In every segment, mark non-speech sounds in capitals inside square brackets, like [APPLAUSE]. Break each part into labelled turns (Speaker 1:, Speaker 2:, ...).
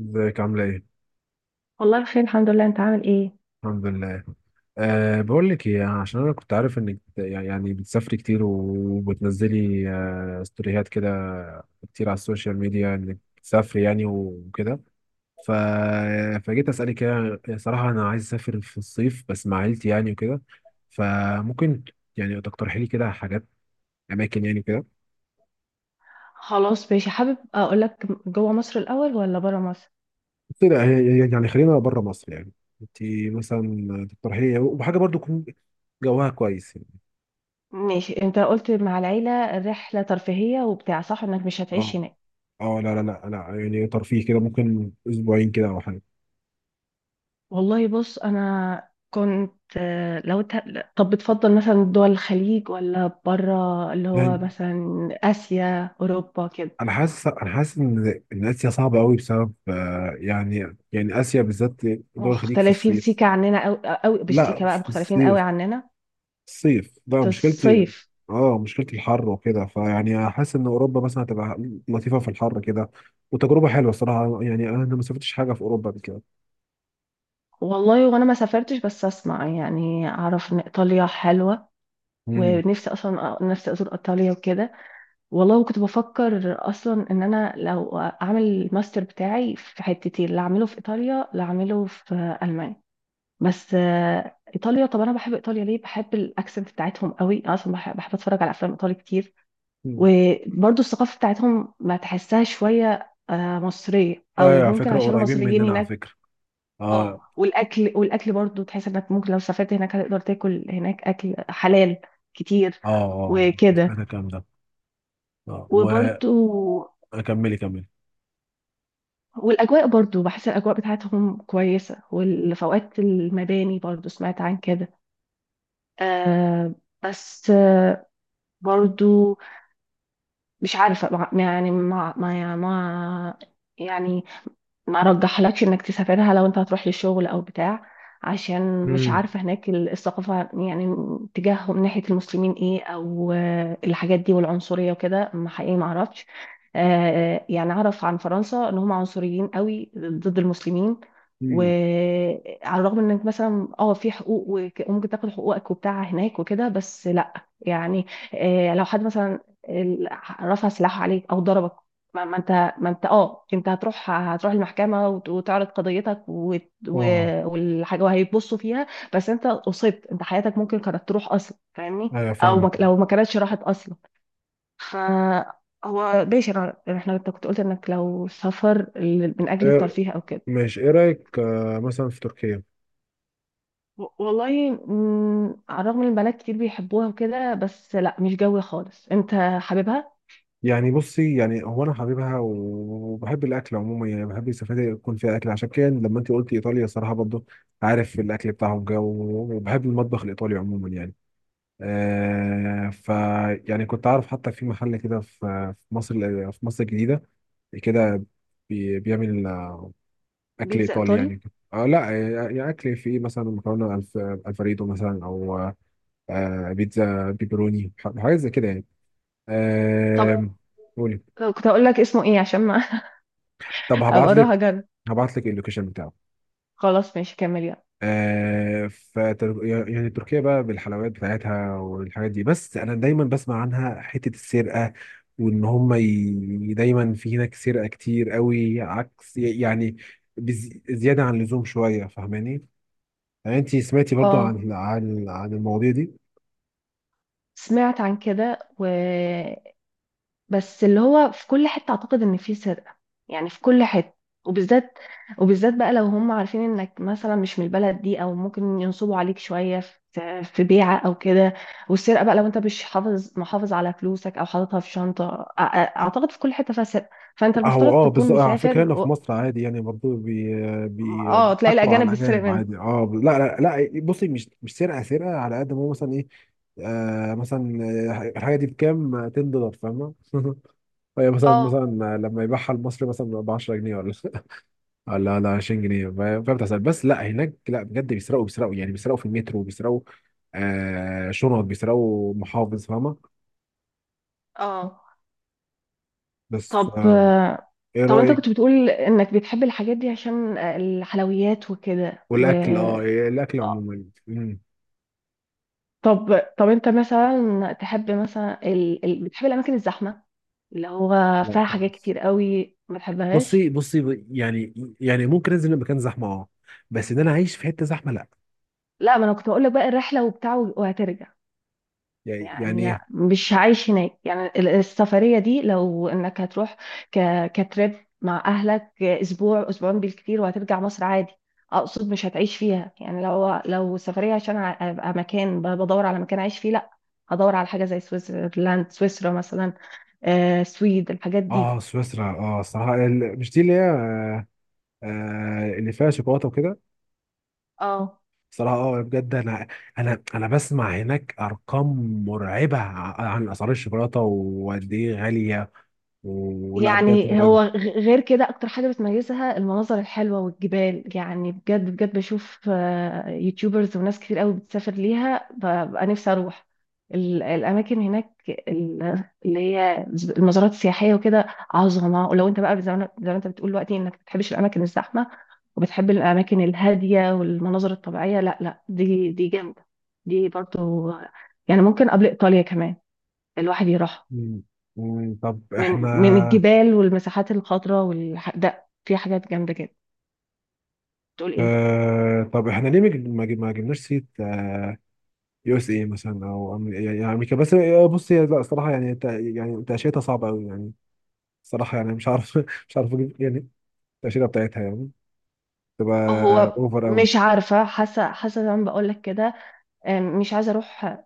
Speaker 1: ازيك عاملة ايه؟
Speaker 2: والله بخير، الحمد لله. انت عامل ايه؟
Speaker 1: الحمد لله. بقول لك ايه، عشان انا كنت عارف انك بتسافري كتير وبتنزلي ستوريات كده كتير على السوشيال ميديا، انك بتسافري يعني وكده. ف... فجيت اسالك، يعني صراحة انا عايز اسافر في الصيف بس مع عيلتي يعني وكده. فممكن يعني تقترحي لي كده حاجات، اماكن يعني كده.
Speaker 2: خلاص، ماشي. حابب اقول لك جوه مصر الاول ولا بره مصر؟
Speaker 1: بس لا هي- يعني خلينا بره مصر يعني. انت مثلا تقترحي لي وحاجة برضو يكون جواها كويس يعني.
Speaker 2: ماشي، انت قلت مع العيله رحله ترفيهيه وبتاع، صح؟ انك مش هتعيش
Speaker 1: اه.
Speaker 2: هناك.
Speaker 1: اه، لا لا لا، انا يعني ترفيه كده، ممكن اسبوعين كده او حاجه.
Speaker 2: والله بص، انا كنت لو طب بتفضل مثلا دول الخليج ولا بره، اللي هو
Speaker 1: يعني
Speaker 2: مثلا اسيا، اوروبا كده؟
Speaker 1: انا حاسس، انا حاسس ان اسيا صعبه قوي بسبب يعني. يعني اسيا بالذات، دول الخليج في
Speaker 2: مختلفين
Speaker 1: الصيف.
Speaker 2: سيكا عننا قوي قوي، مش
Speaker 1: لا
Speaker 2: سيكا بقى،
Speaker 1: في
Speaker 2: مختلفين قوي
Speaker 1: الصيف،
Speaker 2: عننا.
Speaker 1: الصيف لا
Speaker 2: في
Speaker 1: مشكلتي.
Speaker 2: الصيف.
Speaker 1: اه مشكلتي الحر وكده، فيعني حاسس ان اوروبا مثلا هتبقى لطيفه في الحر كده، وتجربه حلوه الصراحه يعني. انا ما سافرتش حاجه في اوروبا قبل كده.
Speaker 2: والله وانا ما سافرتش، بس اسمع يعني اعرف ان ايطاليا حلوه.
Speaker 1: امم
Speaker 2: ونفسي اصلا، نفسي ازور ايطاليا وكده. والله وكنت بفكر اصلا ان انا لو اعمل الماستر بتاعي في حتتين، لا اعمله في ايطاليا لا اعمله في المانيا. بس ايطاليا. طب انا بحب ايطاليا ليه؟ بحب الاكسنت بتاعتهم قوي. أنا اصلا بحب اتفرج على افلام ايطالي كتير.
Speaker 1: أمم.
Speaker 2: وبرضو الثقافه بتاعتهم ما تحسها شويه مصريه، او
Speaker 1: ايوه على
Speaker 2: ممكن
Speaker 1: فكره،
Speaker 2: عشان
Speaker 1: قريبين
Speaker 2: المصريين
Speaker 1: مننا على
Speaker 2: هناك.
Speaker 1: فكره.
Speaker 2: اه،
Speaker 1: اه
Speaker 2: والاكل برضو تحس انك ممكن لو سافرت هناك هتقدر تاكل هناك اكل حلال كتير
Speaker 1: اه، اه
Speaker 2: وكده.
Speaker 1: انا الكلام ده اه.
Speaker 2: وبرضو
Speaker 1: وكملي كملي.
Speaker 2: والأجواء برضو، بحس الأجواء بتاعتهم كويسة، والفوقات المباني برضو سمعت عن كده. آه بس برضو مش عارفة يعني ما ما ما يعني ما رجحلكش انك تسافرها لو انت هتروح للشغل او بتاع. عشان مش
Speaker 1: امم
Speaker 2: عارفة هناك الثقافة يعني تجاههم ناحية المسلمين ايه، او الحاجات دي والعنصرية وكده، ما حقيقي ما اعرفش. يعني اعرف عن فرنسا ان هم عنصريين قوي ضد المسلمين.
Speaker 1: مم.
Speaker 2: وعلى الرغم انك مثلا في حقوق وممكن تاخد حقوقك وبتاع هناك وكده، بس لا. يعني لو حد مثلا ال- رفع سلاحه عليك او ضربك، ما ما انت ما انت هتروح المحكمه وتعرض قضيتك
Speaker 1: اه
Speaker 2: والحاجه وهيبصوا فيها. بس انت اصبت، انت حياتك ممكن كانت تروح اصلا، فاهمني؟
Speaker 1: ايوه
Speaker 2: او
Speaker 1: فاهمك.
Speaker 2: ما لو ما كانتش راحت اصلا. ف هو ماشي، احنا، انت كنت قلت انك لو سفر من اجل
Speaker 1: إيه
Speaker 2: الترفيه او كده.
Speaker 1: ماشي، ايه رايك مثلا في تركيا؟
Speaker 2: والله، على الرغم ان البنات كتير بيحبوها وكده بس لا، مش جوي خالص. انت حاببها؟
Speaker 1: يعني بصي، يعني هو انا حبيبها وبحب الاكل عموما، يعني بحب السفاري يكون فيها اكل، عشان كده لما انت قلت ايطاليا صراحه برضو، عارف الاكل بتاعهم جو. وبحب المطبخ الايطالي عموما يعني. آه ف يعني كنت عارف حتى في محل كده، في، في مصر، في مصر الجديده كده، بيعمل اكل
Speaker 2: بيتزا
Speaker 1: ايطالي
Speaker 2: ايطالي.
Speaker 1: يعني. آه لا آه، يعني اكل فيه مثلا مكرونه الفريدو مثلا، او بيتزا بيبروني، حاجات زي كده يعني.
Speaker 2: طب
Speaker 1: آه، قولي.
Speaker 2: طب كنت اقول لك اسمه ايه عشان ما [LAUGHS]
Speaker 1: طب هبعت
Speaker 2: ابقى اروح
Speaker 1: لك،
Speaker 2: اجرب.
Speaker 1: هبعت لك اللوكيشن بتاعه.
Speaker 2: خلاص، ماشي، كمل، يلا.
Speaker 1: يعني تركيا بقى بالحلويات بتاعتها والحاجات دي، بس انا دايما بسمع عنها حتة السرقة، وان هم دايما في هناك سرقة كتير قوي، عكس يعني، زيادة عن اللزوم شوية، فاهماني؟ يعني انت سمعتي برضو
Speaker 2: اه،
Speaker 1: عن المواضيع دي؟
Speaker 2: سمعت عن كده بس اللي هو في كل حتة اعتقد ان في سرقة. يعني في كل حتة. وبالذات وبالذات بقى، لو هم عارفين انك مثلا مش من البلد دي، او ممكن ينصبوا عليك شوية في بيعة او كده. والسرقة بقى، لو انت مش حافظ محافظ على فلوسك او حاططها في شنطة، اعتقد في كل حتة فيها سرقة. فانت
Speaker 1: هو
Speaker 2: المفترض
Speaker 1: اه
Speaker 2: تكون
Speaker 1: بالظبط، على فكره
Speaker 2: مسافر
Speaker 1: هنا في مصر عادي، يعني برضه
Speaker 2: اه، تلاقي
Speaker 1: بيضحكوا
Speaker 2: الاجانب
Speaker 1: على
Speaker 2: بيسرق
Speaker 1: الاجانب
Speaker 2: منك.
Speaker 1: عادي. اه لا لا لا، بصي، مش سرقه سرقه، على قد ما هو مثلا ايه. آه مثلا، الحاجه دي بكام؟ 10 دولار، فاهمه؟ [LAUGHS] هي مثلا،
Speaker 2: اه،
Speaker 1: مثلا لما يبيعها المصري مثلا ب 10 جنيه، ولا [LAUGHS] ولا 20 جنيه، فاهم؟ بتحصل. بس لا هناك لا، بجد بيسرقوا، بيسرقوا يعني، بيسرقوا في المترو، بيسرقوا شنط، بيسرقوا محافظ، فاهمه؟
Speaker 2: اه.
Speaker 1: بس ف...
Speaker 2: طب
Speaker 1: ايه
Speaker 2: طب انت
Speaker 1: رايك؟
Speaker 2: كنت بتقول انك بتحب الحاجات دي عشان الحلويات وكده
Speaker 1: والاكل اه، الاكل عموما. مم.
Speaker 2: طب انت مثلا تحب مثلا، بتحب الاماكن الزحمه اللي هو
Speaker 1: لا
Speaker 2: فيها حاجات
Speaker 1: خالص.
Speaker 2: كتير قوي، ما تحبهاش؟
Speaker 1: بصي بصي، يعني، يعني ممكن انزل مكان زحمه اه، بس ان انا اعيش في حته زحمه لا.
Speaker 2: لا، ما انا كنت بقول لك بقى الرحله وبتاع وهترجع.
Speaker 1: يعني يعني
Speaker 2: يعني
Speaker 1: ايه.
Speaker 2: مش عايش هناك، يعني السفرية دي لو انك هتروح ك... كتريب مع اهلك اسبوع اسبوعين بالكتير، وهترجع مصر عادي. اقصد مش هتعيش فيها يعني، لو سفرية عشان ابقى مكان بدور على مكان اعيش فيه، لا. هدور على حاجة زي سويسرلاند، سويسرا مثلا. سويد الحاجات دي.
Speaker 1: اه سويسرا، اه الصراحه، مش دي اللي هي اللي فيها شوكولاته وكده؟
Speaker 2: اه،
Speaker 1: صراحه اه بجد، انا انا بسمع هناك ارقام مرعبه، عن اسعار الشوكولاته وقد ايه غاليه، ولا بجد
Speaker 2: يعني
Speaker 1: مرعبه.
Speaker 2: هو غير كده اكتر حاجة بتميزها المناظر الحلوة والجبال، يعني بجد بجد بشوف يوتيوبرز وناس كتير قوي بتسافر ليها، ببقى نفسي اروح الاماكن هناك، اللي هي المزارات السياحية وكده. عظمة. ولو انت بقى زي ما انت بتقول دلوقتي انك ما بتحبش الاماكن الزحمة، وبتحب الاماكن الهادية والمناظر الطبيعية، لا، لا، دي جامدة. دي برضو، يعني ممكن قبل ايطاليا كمان الواحد يروح
Speaker 1: مم. مم. طب
Speaker 2: من
Speaker 1: احنا،
Speaker 2: من الجبال والمساحات الخضراء ده في حاجات جامدة جدا. تقول ايه؟
Speaker 1: آه طب احنا ليه ما جبناش سيره يو اس اي مثلا، او يعني يعني امريكا؟ بس بص هي لا، الصراحه يعني يعني تاشيرتها صعبه قوي يعني. الصراحه يعني مش عارف [LAUGHS] مش عارف اجيب يعني التاشيره بتاعتها، يعني تبقى
Speaker 2: هو طب
Speaker 1: اوفر قوي.
Speaker 2: مش عارفة، حاسة زي ما بقول لك كده. مش عايزة اروح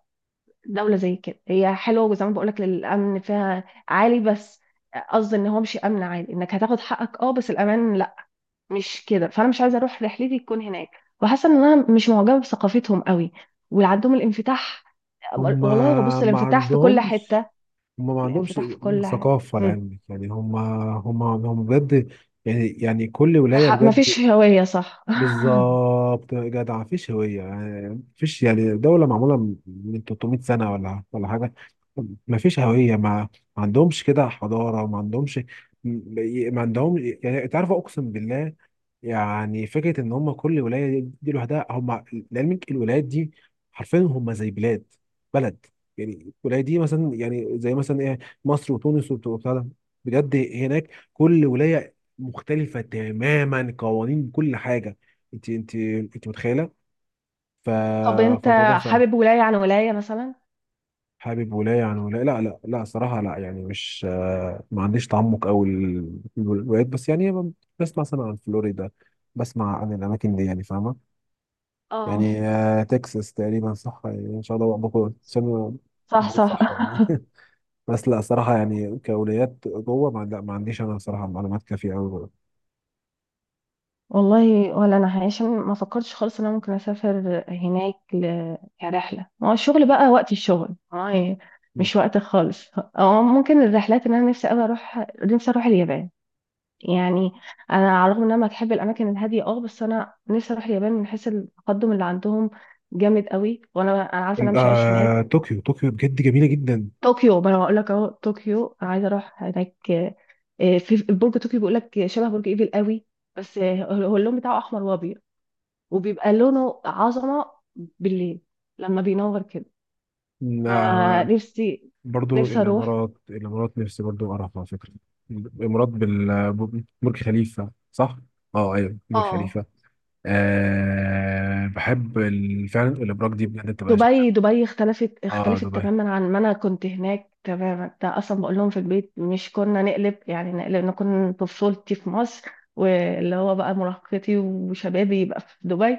Speaker 2: دولة زي كده. هي حلوة زي ما بقول لك، الامن فيها عالي بس. قصدي ان هو مش امن عالي انك هتاخد حقك اه، بس الامان لا، مش كده. فانا مش عايزة اروح رحلتي تكون هناك، وحاسة ان انا مش معجبة بثقافتهم قوي، واللي عندهم الانفتاح.
Speaker 1: هم
Speaker 2: والله هو بص،
Speaker 1: ما
Speaker 2: الانفتاح في كل
Speaker 1: عندهمش،
Speaker 2: حتة.
Speaker 1: هم ما عندهمش
Speaker 2: الانفتاح في كل حتة.
Speaker 1: ثقافه لعلمك. يعني هم هم هم بجد، يعني يعني كل ولايه
Speaker 2: مفيش
Speaker 1: بجد.
Speaker 2: هوية، صح؟
Speaker 1: بالظبط يا جدع، مفيش هوية يعني. مفيش، يعني دولة معمولة من 300 سنة ولا حاجة. مفيش هوية. ما عندهمش كده حضارة، ما عندهمش، ما عندهم يعني. انت عارف، اقسم بالله، يعني فكره ان هم كل ولايه دي لوحدها. هم لعلمك الولايات دي حرفيا هم زي بلاد، بلد. يعني الولايه دي مثلا، يعني زي مثلا ايه، مصر وتونس، وبتاع ده. بجد هناك كل ولايه مختلفه تماما، قوانين كل حاجه. انت متخيله؟ ف...
Speaker 2: [LAUGHS] طب انت
Speaker 1: فالموضوع صعب.
Speaker 2: حابب ولاية عن ولاية مثلا؟
Speaker 1: حابب ولايه عن ولايه؟ لا لا لا صراحه لا، يعني مش ما عنديش تعمق قوي الولايات، بس يعني بسمع مثلا عن فلوريدا، بسمع عن الاماكن دي يعني، فاهمه؟
Speaker 2: اه،
Speaker 1: يعني تكساس تقريبا صح يعني، ان شاء الله بكون عشان
Speaker 2: صح،
Speaker 1: بقول
Speaker 2: صح.
Speaker 1: صح يعني.
Speaker 2: [LAUGHS]
Speaker 1: [LAUGHS] بس لا صراحه يعني كأولويات جوه ما، لا ما عنديش انا صراحه معلومات كافيه قوي.
Speaker 2: والله ولا انا، عشان ما فكرتش خالص ان انا ممكن اسافر هناك كرحله. ما هو الشغل بقى وقت الشغل هاي، مش وقت خالص. اه، ممكن الرحلات ان انا نفسي قوي اروح، نفسي اروح اليابان. يعني انا على الرغم ان انا بحب الاماكن الهاديه اه، بس انا نفسي اروح اليابان من حيث التقدم اللي عندهم جامد قوي. وانا عارفه ان انا مش هعيش هناك.
Speaker 1: طوكيو، طوكيو بجد جميله جدا.
Speaker 2: طوكيو، ما انا هقول لك اهو، طوكيو انا عايزه اروح هناك. في برج طوكيو بيقول لك شبه برج ايفل قوي، بس هو اللون بتاعه احمر وابيض، وبيبقى لونه عظمه بالليل لما بينور كده.
Speaker 1: آه،
Speaker 2: فنفسي
Speaker 1: برضو
Speaker 2: نفسي اروح.
Speaker 1: الامارات، الامارات نفسي برضو اعرف على فكره. الامارات برج خليفه صح؟ اه ايوه برج
Speaker 2: اه،
Speaker 1: خليفه. أه بحب فعلا الابراج دي، بجد بتبقى شكلها.
Speaker 2: دبي. دبي اختلفت،
Speaker 1: اه دبي.
Speaker 2: تماما عن ما انا كنت هناك، تماما. ده اصلا بقول لهم في البيت، مش كنا نقلب يعني نقلب نكون طفولتي في مصر، واللي هو بقى مراهقتي وشبابي يبقى في دبي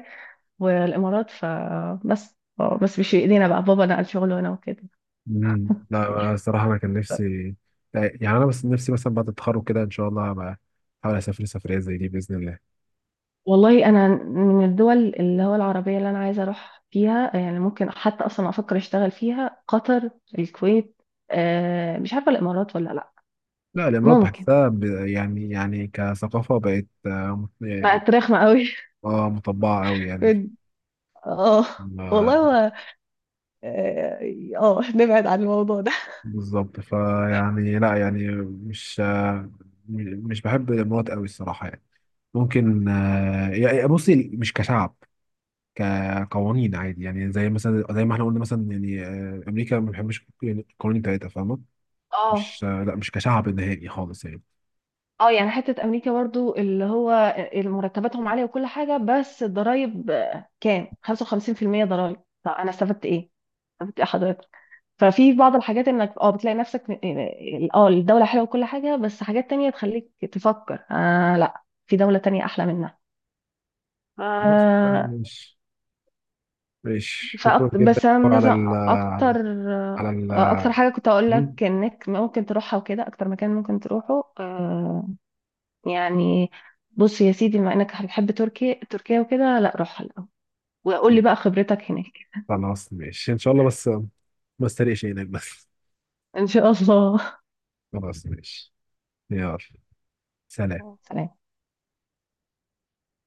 Speaker 2: والامارات. فبس آه، بس مش في ايدينا بقى، بابا نقل شغله هنا وكده.
Speaker 1: مم. لا أنا الصراحة أنا كان نفسي يعني. أنا بس نفسي مثلا بعد التخرج كده إن شاء الله، هبقى أحاول أسافر سفرية زي دي بإذن الله.
Speaker 2: والله انا من الدول اللي هو العربيه اللي انا عايزه اروح فيها، يعني ممكن حتى اصلا افكر اشتغل فيها، قطر، الكويت. مش عارفه الامارات ولا لا.
Speaker 1: لا الإمارات
Speaker 2: ممكن
Speaker 1: بحسها يعني، يعني كثقافة بقت يعني-
Speaker 2: بقت رخمه قوي.
Speaker 1: مطبعة أوي يعني.
Speaker 2: [LAUGHS] اه. والله.
Speaker 1: ما-
Speaker 2: هو اه، نبعد عن الموضوع ده.
Speaker 1: بالظبط، فيعني لا يعني مش مش بحب الإمارات أوي الصراحة يعني. ممكن يعني بصي مش كشعب، كقوانين عادي يعني. زي مثلا، زي ما احنا قلنا مثلا، يعني أمريكا ما بحبش يعني القوانين بتاعتها، فاهمة؟
Speaker 2: اه،
Speaker 1: مش، لا مش كشعب نهائي خالص يعني.
Speaker 2: اه يعني حتة امريكا برضو، اللي هو مرتباتهم عالية وكل حاجة، بس الضرايب كام 55% ضرايب؟ طب انا استفدت ايه؟ استفدت ايه حضرتك؟ ففي بعض الحاجات انك بتلاقي نفسك اه، الدولة حلوة وكل حاجة، بس حاجات تانية تخليك تفكر لا، في دولة تانية احلى منها.
Speaker 1: خلاص تمام،
Speaker 2: آه
Speaker 1: ماشي. ماشي شكرا
Speaker 2: فأكتر،
Speaker 1: جدا
Speaker 2: بس أنا
Speaker 1: على
Speaker 2: مثلا
Speaker 1: ال،
Speaker 2: اكتر،
Speaker 1: على، على
Speaker 2: اكتر
Speaker 1: ال.
Speaker 2: حاجة كنت اقول
Speaker 1: مم؟
Speaker 2: لك انك ممكن تروحها وكده، اكتر مكان ممكن تروحه يعني، بص يا سيدي، بما انك بتحب تركيا تركيا وكده، لا روحها الاول وقول لي بقى خبرتك هناك.
Speaker 1: خلاص ماشي ان شاء الله، بس ما استريقش هناك بس.
Speaker 2: ان شاء الله.
Speaker 1: خلاص ماشي، يلا سلام.
Speaker 2: [LAUGHS] سلام.